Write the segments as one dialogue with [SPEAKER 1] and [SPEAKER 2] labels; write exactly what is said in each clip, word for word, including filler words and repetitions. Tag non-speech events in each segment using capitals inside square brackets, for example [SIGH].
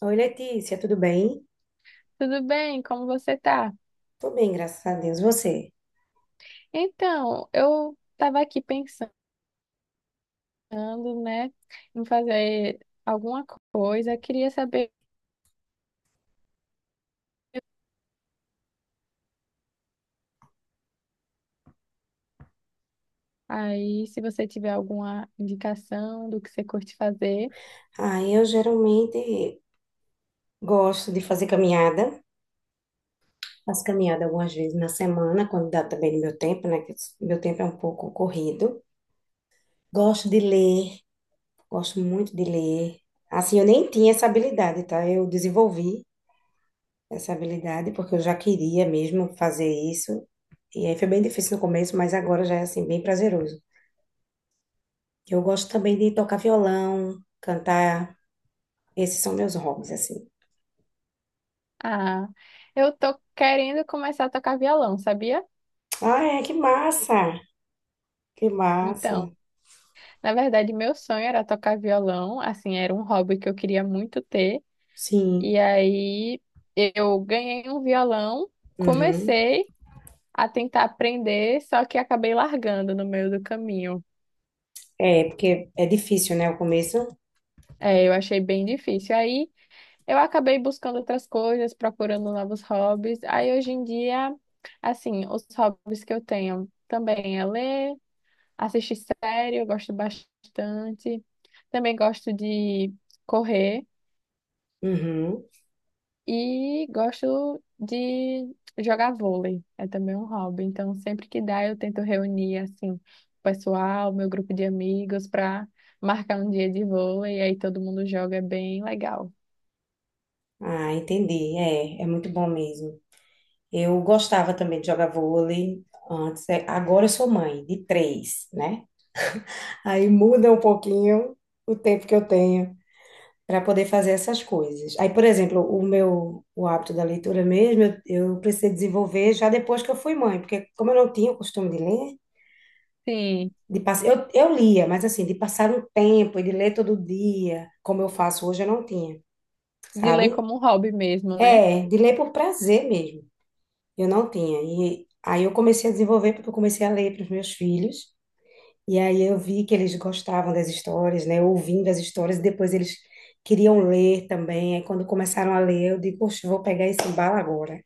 [SPEAKER 1] Oi, Letícia, tudo bem?
[SPEAKER 2] Tudo bem? Como você tá?
[SPEAKER 1] Tô bem, graças a Deus. Você?
[SPEAKER 2] Então, eu estava aqui pensando, né, em fazer alguma coisa. Queria saber aí se você tiver alguma indicação do que você curte fazer.
[SPEAKER 1] Ah, eu geralmente gosto de fazer caminhada. Faço caminhada algumas vezes na semana, quando dá também no meu tempo, né? Que meu tempo é um pouco corrido. Gosto de ler, gosto muito de ler. Assim, eu nem tinha essa habilidade, tá? Eu desenvolvi essa habilidade porque eu já queria mesmo fazer isso. E aí foi bem difícil no começo, mas agora já é assim, bem prazeroso. Eu gosto também de tocar violão, cantar. Esses são meus hobbies, assim.
[SPEAKER 2] Ah, eu tô querendo começar a tocar violão, sabia?
[SPEAKER 1] Ah, é, que massa! Que massa.
[SPEAKER 2] Então, na verdade, meu sonho era tocar violão, assim, era um hobby que eu queria muito ter.
[SPEAKER 1] Sim.
[SPEAKER 2] E aí eu ganhei um violão,
[SPEAKER 1] Uhum.
[SPEAKER 2] comecei a tentar aprender, só que acabei largando no meio do caminho.
[SPEAKER 1] É, porque é difícil, né, o começo?
[SPEAKER 2] É, eu achei bem difícil. Aí eu acabei buscando outras coisas, procurando novos hobbies. Aí hoje em dia, assim, os hobbies que eu tenho também é ler, assistir série, eu gosto bastante. Também gosto de correr.
[SPEAKER 1] Uhum.
[SPEAKER 2] E gosto de jogar vôlei, é também um hobby. Então, sempre que dá, eu tento reunir assim, o pessoal, meu grupo de amigos, para marcar um dia de vôlei. aí todo mundo joga, é bem legal.
[SPEAKER 1] Ah, entendi. É, é muito bom mesmo. Eu gostava também de jogar vôlei antes. É, agora eu sou mãe de três, né? Aí muda um pouquinho o tempo que eu tenho para poder fazer essas coisas. Aí, por exemplo, o meu o hábito da leitura mesmo, eu, eu precisei desenvolver já depois que eu fui mãe, porque como eu não tinha o costume de ler.
[SPEAKER 2] Sim,
[SPEAKER 1] De pass... eu, eu lia, mas assim, de passar um tempo e de ler todo dia, como eu faço hoje, eu não tinha,
[SPEAKER 2] de ler
[SPEAKER 1] sabe?
[SPEAKER 2] como um hobby mesmo, né?
[SPEAKER 1] É, de ler por prazer mesmo, eu não tinha. E aí eu comecei a desenvolver, porque eu comecei a ler para os meus filhos, e aí eu vi que eles gostavam das histórias, né? Ouvindo as histórias, e depois eles queriam ler também. Aí quando começaram a ler, eu digo, poxa, eu vou pegar esse embalo agora.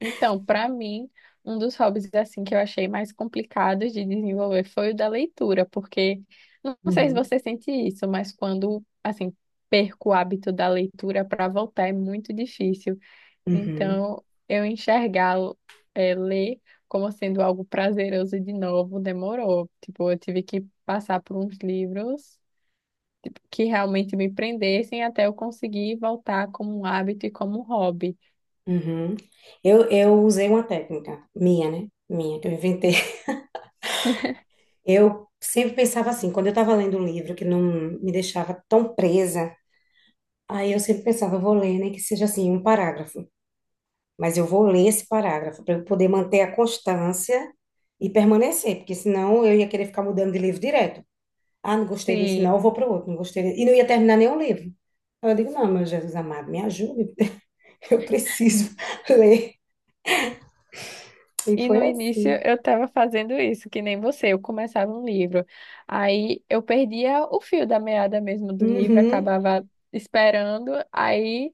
[SPEAKER 2] Então, para mim, um dos hobbies assim que eu achei mais complicados de desenvolver foi o da leitura, porque não sei se
[SPEAKER 1] Uhum,
[SPEAKER 2] você sente isso, mas quando assim perco o hábito da leitura para voltar é muito difícil.
[SPEAKER 1] uhum,
[SPEAKER 2] Então, eu enxergá-lo, é, ler como sendo algo prazeroso e de novo demorou. Tipo, eu tive que passar por uns livros, tipo, que realmente me prendessem até eu conseguir voltar como um hábito e como um hobby.
[SPEAKER 1] uhum. Eu, eu usei uma técnica minha, né? Minha, que eu inventei.
[SPEAKER 2] [LAUGHS]
[SPEAKER 1] Eu sempre pensava assim, quando eu estava lendo um livro que não me deixava tão presa, aí eu sempre pensava, eu vou ler, nem que seja assim, um parágrafo, mas eu vou ler esse parágrafo para eu poder manter a constância e permanecer, porque senão eu ia querer ficar mudando de livro direto. Ah, não gostei desse, não,
[SPEAKER 2] Sim.
[SPEAKER 1] eu vou para o outro, não gostei desse, e não ia terminar nenhum livro. Aí Eu digo, não, meu Jesus amado, me ajude, [LAUGHS] eu preciso ler. E
[SPEAKER 2] E
[SPEAKER 1] foi
[SPEAKER 2] no início
[SPEAKER 1] assim.
[SPEAKER 2] eu estava fazendo isso, que nem você, eu começava um livro. Aí eu perdia o fio da meada mesmo do livro,
[SPEAKER 1] Uhum.
[SPEAKER 2] acabava esperando, aí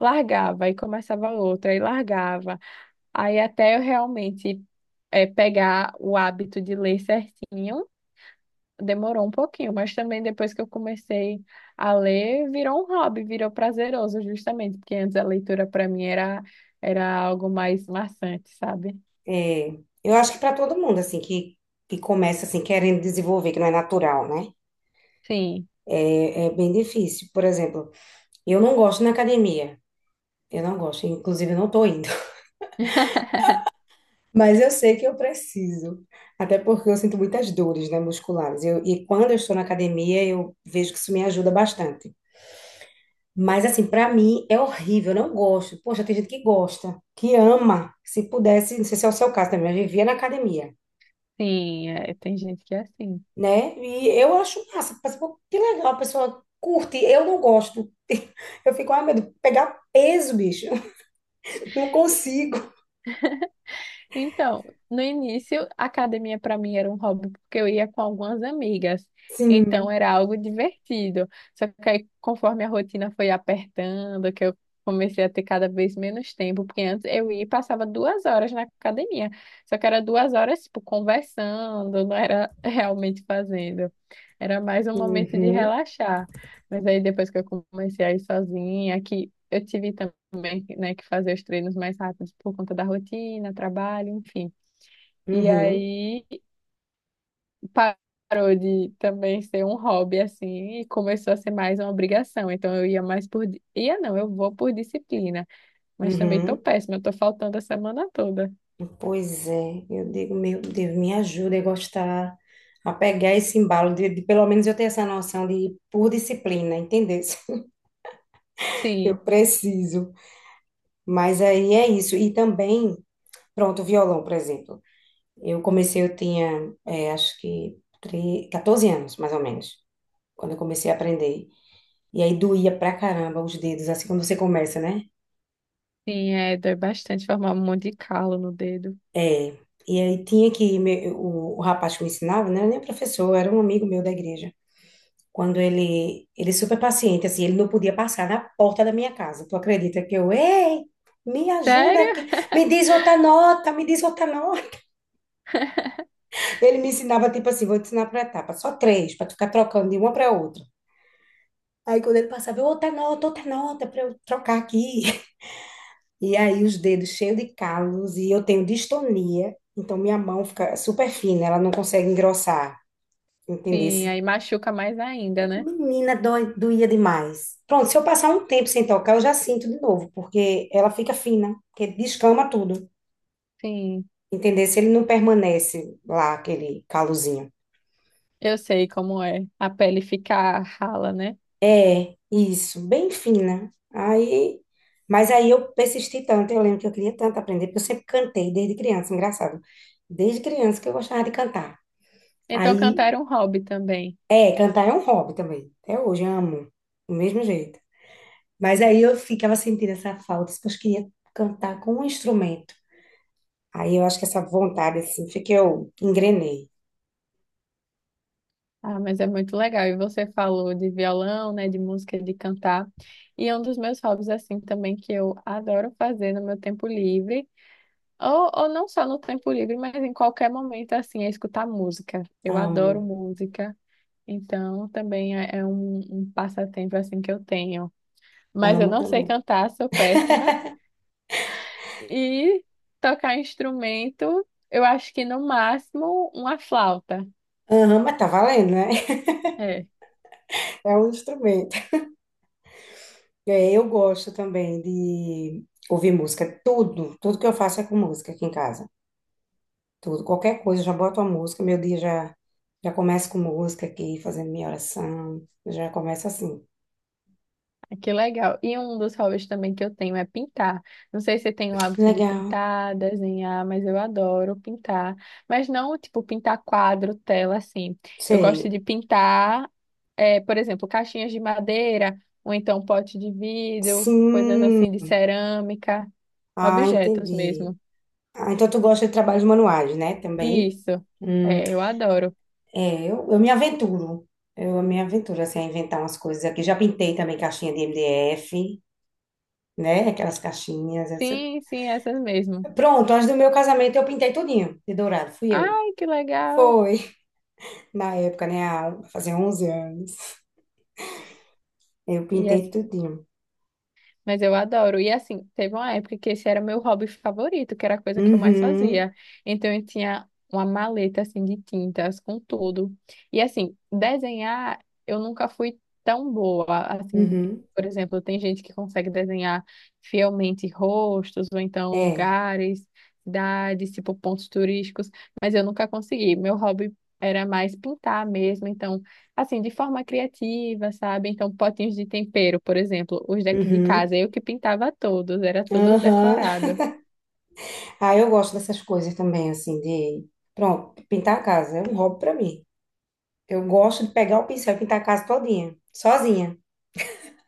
[SPEAKER 2] largava, aí começava outro, aí largava. Aí até eu realmente é, pegar o hábito de ler certinho, demorou um pouquinho, mas também depois que eu comecei a ler, virou um hobby, virou prazeroso, justamente, porque antes a leitura para mim era, era algo mais maçante, sabe?
[SPEAKER 1] É, eu acho que para todo mundo, assim, que, que começa, assim, querendo desenvolver, que não é natural, né?
[SPEAKER 2] Sim.
[SPEAKER 1] É, é bem difícil. Por exemplo, eu não gosto na academia. Eu não gosto, inclusive eu não tô indo.
[SPEAKER 2] [LAUGHS]
[SPEAKER 1] [LAUGHS] Mas eu sei que eu preciso. Até porque eu sinto muitas dores, né, musculares. Eu, e quando eu estou na academia, eu vejo que isso me ajuda bastante. Mas, assim, para mim é horrível, eu não gosto. Poxa, tem gente que gosta, que ama. Se pudesse, não sei se é o seu caso também, eu vivia na academia.
[SPEAKER 2] Sim, é, tem gente que é assim.
[SPEAKER 1] Né? E eu acho massa, mas, pô, que legal, a pessoa curte. Eu não gosto. [LAUGHS] Eu fico, ai, meu Deus, pegar peso, bicho. [LAUGHS] Não consigo.
[SPEAKER 2] Então, no início, a academia para mim era um hobby porque eu ia com algumas amigas. Então
[SPEAKER 1] Sim.
[SPEAKER 2] era algo divertido. Só que aí, conforme a rotina foi apertando, que eu comecei a ter cada vez menos tempo, porque antes eu ia e passava duas horas na academia. Só que era duas horas, tipo, conversando, não era [LAUGHS] realmente fazendo. Era mais um momento de
[SPEAKER 1] Uhum,
[SPEAKER 2] relaxar. Mas aí depois que eu comecei a ir sozinha, que eu tive também, né, que fazer os treinos mais rápidos por conta da rotina, trabalho, enfim. E
[SPEAKER 1] uhum,
[SPEAKER 2] aí parou de também ser um hobby assim e começou a ser mais uma obrigação. Então eu ia mais por di- ia não, eu vou por disciplina, mas também tô
[SPEAKER 1] uhum.
[SPEAKER 2] péssima, eu tô faltando a semana toda.
[SPEAKER 1] Pois é, eu digo, meu Deus, me ajuda a gostar, a pegar esse embalo, de, de pelo menos eu ter essa noção de por disciplina, entendeu? [LAUGHS] Eu
[SPEAKER 2] Sim,
[SPEAKER 1] preciso. Mas aí é isso. E também, pronto, o violão, por exemplo. Eu comecei, eu tinha, é, acho que tre- catorze anos, mais ou menos, quando eu comecei a aprender. E aí doía pra caramba os dedos, assim, quando você começa, né?
[SPEAKER 2] sim, é, dói bastante formar um monte de calo no dedo.
[SPEAKER 1] É. E aí tinha que, me- o, o rapaz que me ensinava, não era nem professor, era um amigo meu da igreja. Quando ele, ele, é super paciente, assim, ele não podia passar na porta da minha casa. Tu acredita que eu, ei, me ajuda
[SPEAKER 2] Sério?
[SPEAKER 1] aqui, me
[SPEAKER 2] [LAUGHS]
[SPEAKER 1] diz outra nota, me diz outra nota. [LAUGHS] Ele me ensinava, tipo assim, vou te ensinar por etapa, só três, pra tu ficar trocando de uma pra outra. Aí quando ele passava, eu, outra nota, outra nota para eu trocar aqui. [LAUGHS] E aí os dedos cheios de calos e eu tenho distonia, então minha mão fica super fina, ela não consegue engrossar,
[SPEAKER 2] Sim,
[SPEAKER 1] entendesse?
[SPEAKER 2] aí machuca mais ainda, né?
[SPEAKER 1] Menina, dói, doía demais. Pronto, se eu passar um tempo sem tocar, eu já sinto de novo, porque ela fica fina, porque descama tudo,
[SPEAKER 2] Sim,
[SPEAKER 1] entendesse? Ele não permanece lá, aquele calozinho.
[SPEAKER 2] eu sei como é a pele ficar rala, né?
[SPEAKER 1] É, isso, bem fina. Aí, mas aí eu persisti tanto, eu lembro que eu queria tanto aprender, porque eu sempre cantei desde criança, engraçado. Desde criança que eu gostava de cantar.
[SPEAKER 2] Então
[SPEAKER 1] Aí,
[SPEAKER 2] cantar era um hobby também.
[SPEAKER 1] é, cantar é um hobby também. Até hoje eu amo, do mesmo jeito. Mas aí eu ficava sentindo essa falta, porque eu queria cantar com um instrumento. Aí eu acho que essa vontade, assim, foi que eu engrenei.
[SPEAKER 2] Ah, mas é muito legal. E você falou de violão, né, de música, de cantar. E é um dos meus hobbies, assim, também que eu adoro fazer no meu tempo livre, ou, ou não só no tempo livre, mas em qualquer momento, assim, é escutar música. Eu adoro
[SPEAKER 1] Amo,
[SPEAKER 2] música, então também é, é um, um passatempo, assim, que eu tenho. Mas eu
[SPEAKER 1] amo
[SPEAKER 2] não sei
[SPEAKER 1] também.
[SPEAKER 2] cantar, sou péssima.
[SPEAKER 1] [LAUGHS]
[SPEAKER 2] E tocar instrumento, eu acho que no máximo uma flauta.
[SPEAKER 1] Amo, mas tá valendo, né? [LAUGHS]
[SPEAKER 2] É.
[SPEAKER 1] É um instrumento. É, eu gosto também de ouvir música. Tudo, tudo que eu faço é com música aqui em casa. Tudo, qualquer coisa, eu já boto uma música, meu dia já, já começa com música aqui, fazendo minha oração. Já começa assim.
[SPEAKER 2] Que legal. E um dos hobbies também que eu tenho é pintar. Não sei se tem o hábito de
[SPEAKER 1] Legal.
[SPEAKER 2] pintar, desenhar, mas eu adoro pintar. Mas não, tipo, pintar quadro, tela, assim. Eu gosto
[SPEAKER 1] Sei.
[SPEAKER 2] de pintar, é, por exemplo, caixinhas de madeira, ou então pote de vidro, coisas
[SPEAKER 1] Sim.
[SPEAKER 2] assim de cerâmica,
[SPEAKER 1] Ah,
[SPEAKER 2] objetos
[SPEAKER 1] entendi.
[SPEAKER 2] mesmo.
[SPEAKER 1] Ah, então tu gosta de trabalhos manuais, né? Também.
[SPEAKER 2] Isso.
[SPEAKER 1] Hum,
[SPEAKER 2] É, eu adoro.
[SPEAKER 1] é, eu, eu me aventuro. Eu me aventuro, assim, a inventar umas coisas aqui. Já pintei também caixinha de M D F, né? Aquelas caixinhas.
[SPEAKER 2] Sim, sim, essas mesmo.
[SPEAKER 1] Pronto, antes do meu casamento eu pintei tudinho de dourado, fui eu.
[SPEAKER 2] Ai, que legal.
[SPEAKER 1] Foi, [LAUGHS] na época, né, há- um, fazia onze anos. Eu
[SPEAKER 2] E é
[SPEAKER 1] pintei tudinho.
[SPEAKER 2] Mas eu adoro. E assim, teve uma época que esse era meu hobby favorito, que era a coisa que eu mais
[SPEAKER 1] Uhum,
[SPEAKER 2] fazia. Então eu tinha uma maleta assim de tintas com tudo. E assim, desenhar eu nunca fui tão boa. Assim,
[SPEAKER 1] uhum,
[SPEAKER 2] por exemplo, tem gente que consegue desenhar fielmente rostos ou então
[SPEAKER 1] é,
[SPEAKER 2] lugares, cidades, tipo pontos turísticos, mas eu nunca consegui. Meu hobby era mais pintar mesmo, então assim, de forma criativa, sabe? Então, potinhos de tempero, por exemplo, os daqui de
[SPEAKER 1] uhum,
[SPEAKER 2] casa, eu que pintava todos, era tudo
[SPEAKER 1] aham.
[SPEAKER 2] decorado.
[SPEAKER 1] Ah, eu gosto dessas coisas também, assim, de... Pronto, pintar a casa é um hobby pra mim. Eu gosto de pegar o pincel e pintar a casa todinha, sozinha.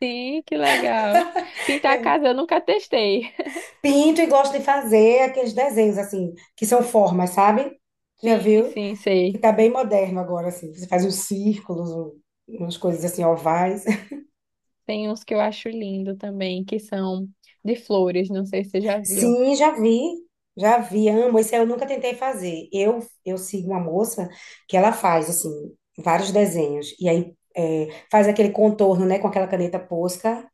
[SPEAKER 2] Sim, que legal. Pintar a
[SPEAKER 1] [LAUGHS]
[SPEAKER 2] casa eu nunca testei.
[SPEAKER 1] Pinto e gosto de fazer aqueles desenhos, assim, que são formas, sabe? Já
[SPEAKER 2] Sim,
[SPEAKER 1] viu?
[SPEAKER 2] sim,
[SPEAKER 1] Que
[SPEAKER 2] sei.
[SPEAKER 1] tá bem moderno agora, assim. Você faz uns círculos, um- umas coisas assim, ovais. [LAUGHS]
[SPEAKER 2] Tem uns que eu acho lindo também, que são de flores, não sei se você já viu.
[SPEAKER 1] Sim, já vi. Já vi, amo. Esse eu nunca tentei fazer. Eu, eu sigo uma moça que ela faz, assim, vários desenhos. E aí é, faz aquele contorno, né, com aquela caneta Posca.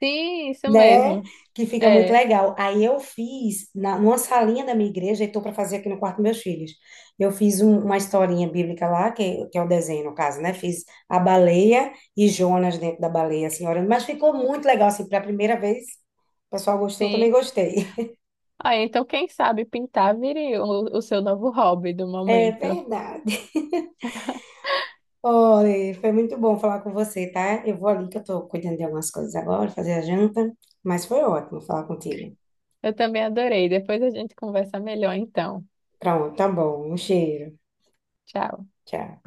[SPEAKER 2] Sim, isso
[SPEAKER 1] Né?
[SPEAKER 2] mesmo.
[SPEAKER 1] Que fica muito
[SPEAKER 2] É,
[SPEAKER 1] legal. Aí eu fiz, na, numa salinha da minha igreja, e estou para fazer aqui no quarto dos meus filhos. Eu fiz um- uma historinha bíblica lá, que, que é o desenho, no caso, né? Fiz a baleia e Jonas dentro da baleia, assim, orando. Mas ficou muito legal, assim, para a primeira vez. O pessoal gostou, eu também
[SPEAKER 2] sim.
[SPEAKER 1] gostei. [LAUGHS]
[SPEAKER 2] Ah, então quem sabe pintar vire o, o seu novo hobby do
[SPEAKER 1] É
[SPEAKER 2] momento.
[SPEAKER 1] verdade. Olha, foi muito bom falar com você, tá? Eu vou ali que eu tô cuidando de algumas coisas agora, fazer a janta, mas foi ótimo falar contigo.
[SPEAKER 2] Eu também adorei. Depois a gente conversa melhor então.
[SPEAKER 1] Pronto, tá bom. Um cheiro.
[SPEAKER 2] Tchau.
[SPEAKER 1] Tchau.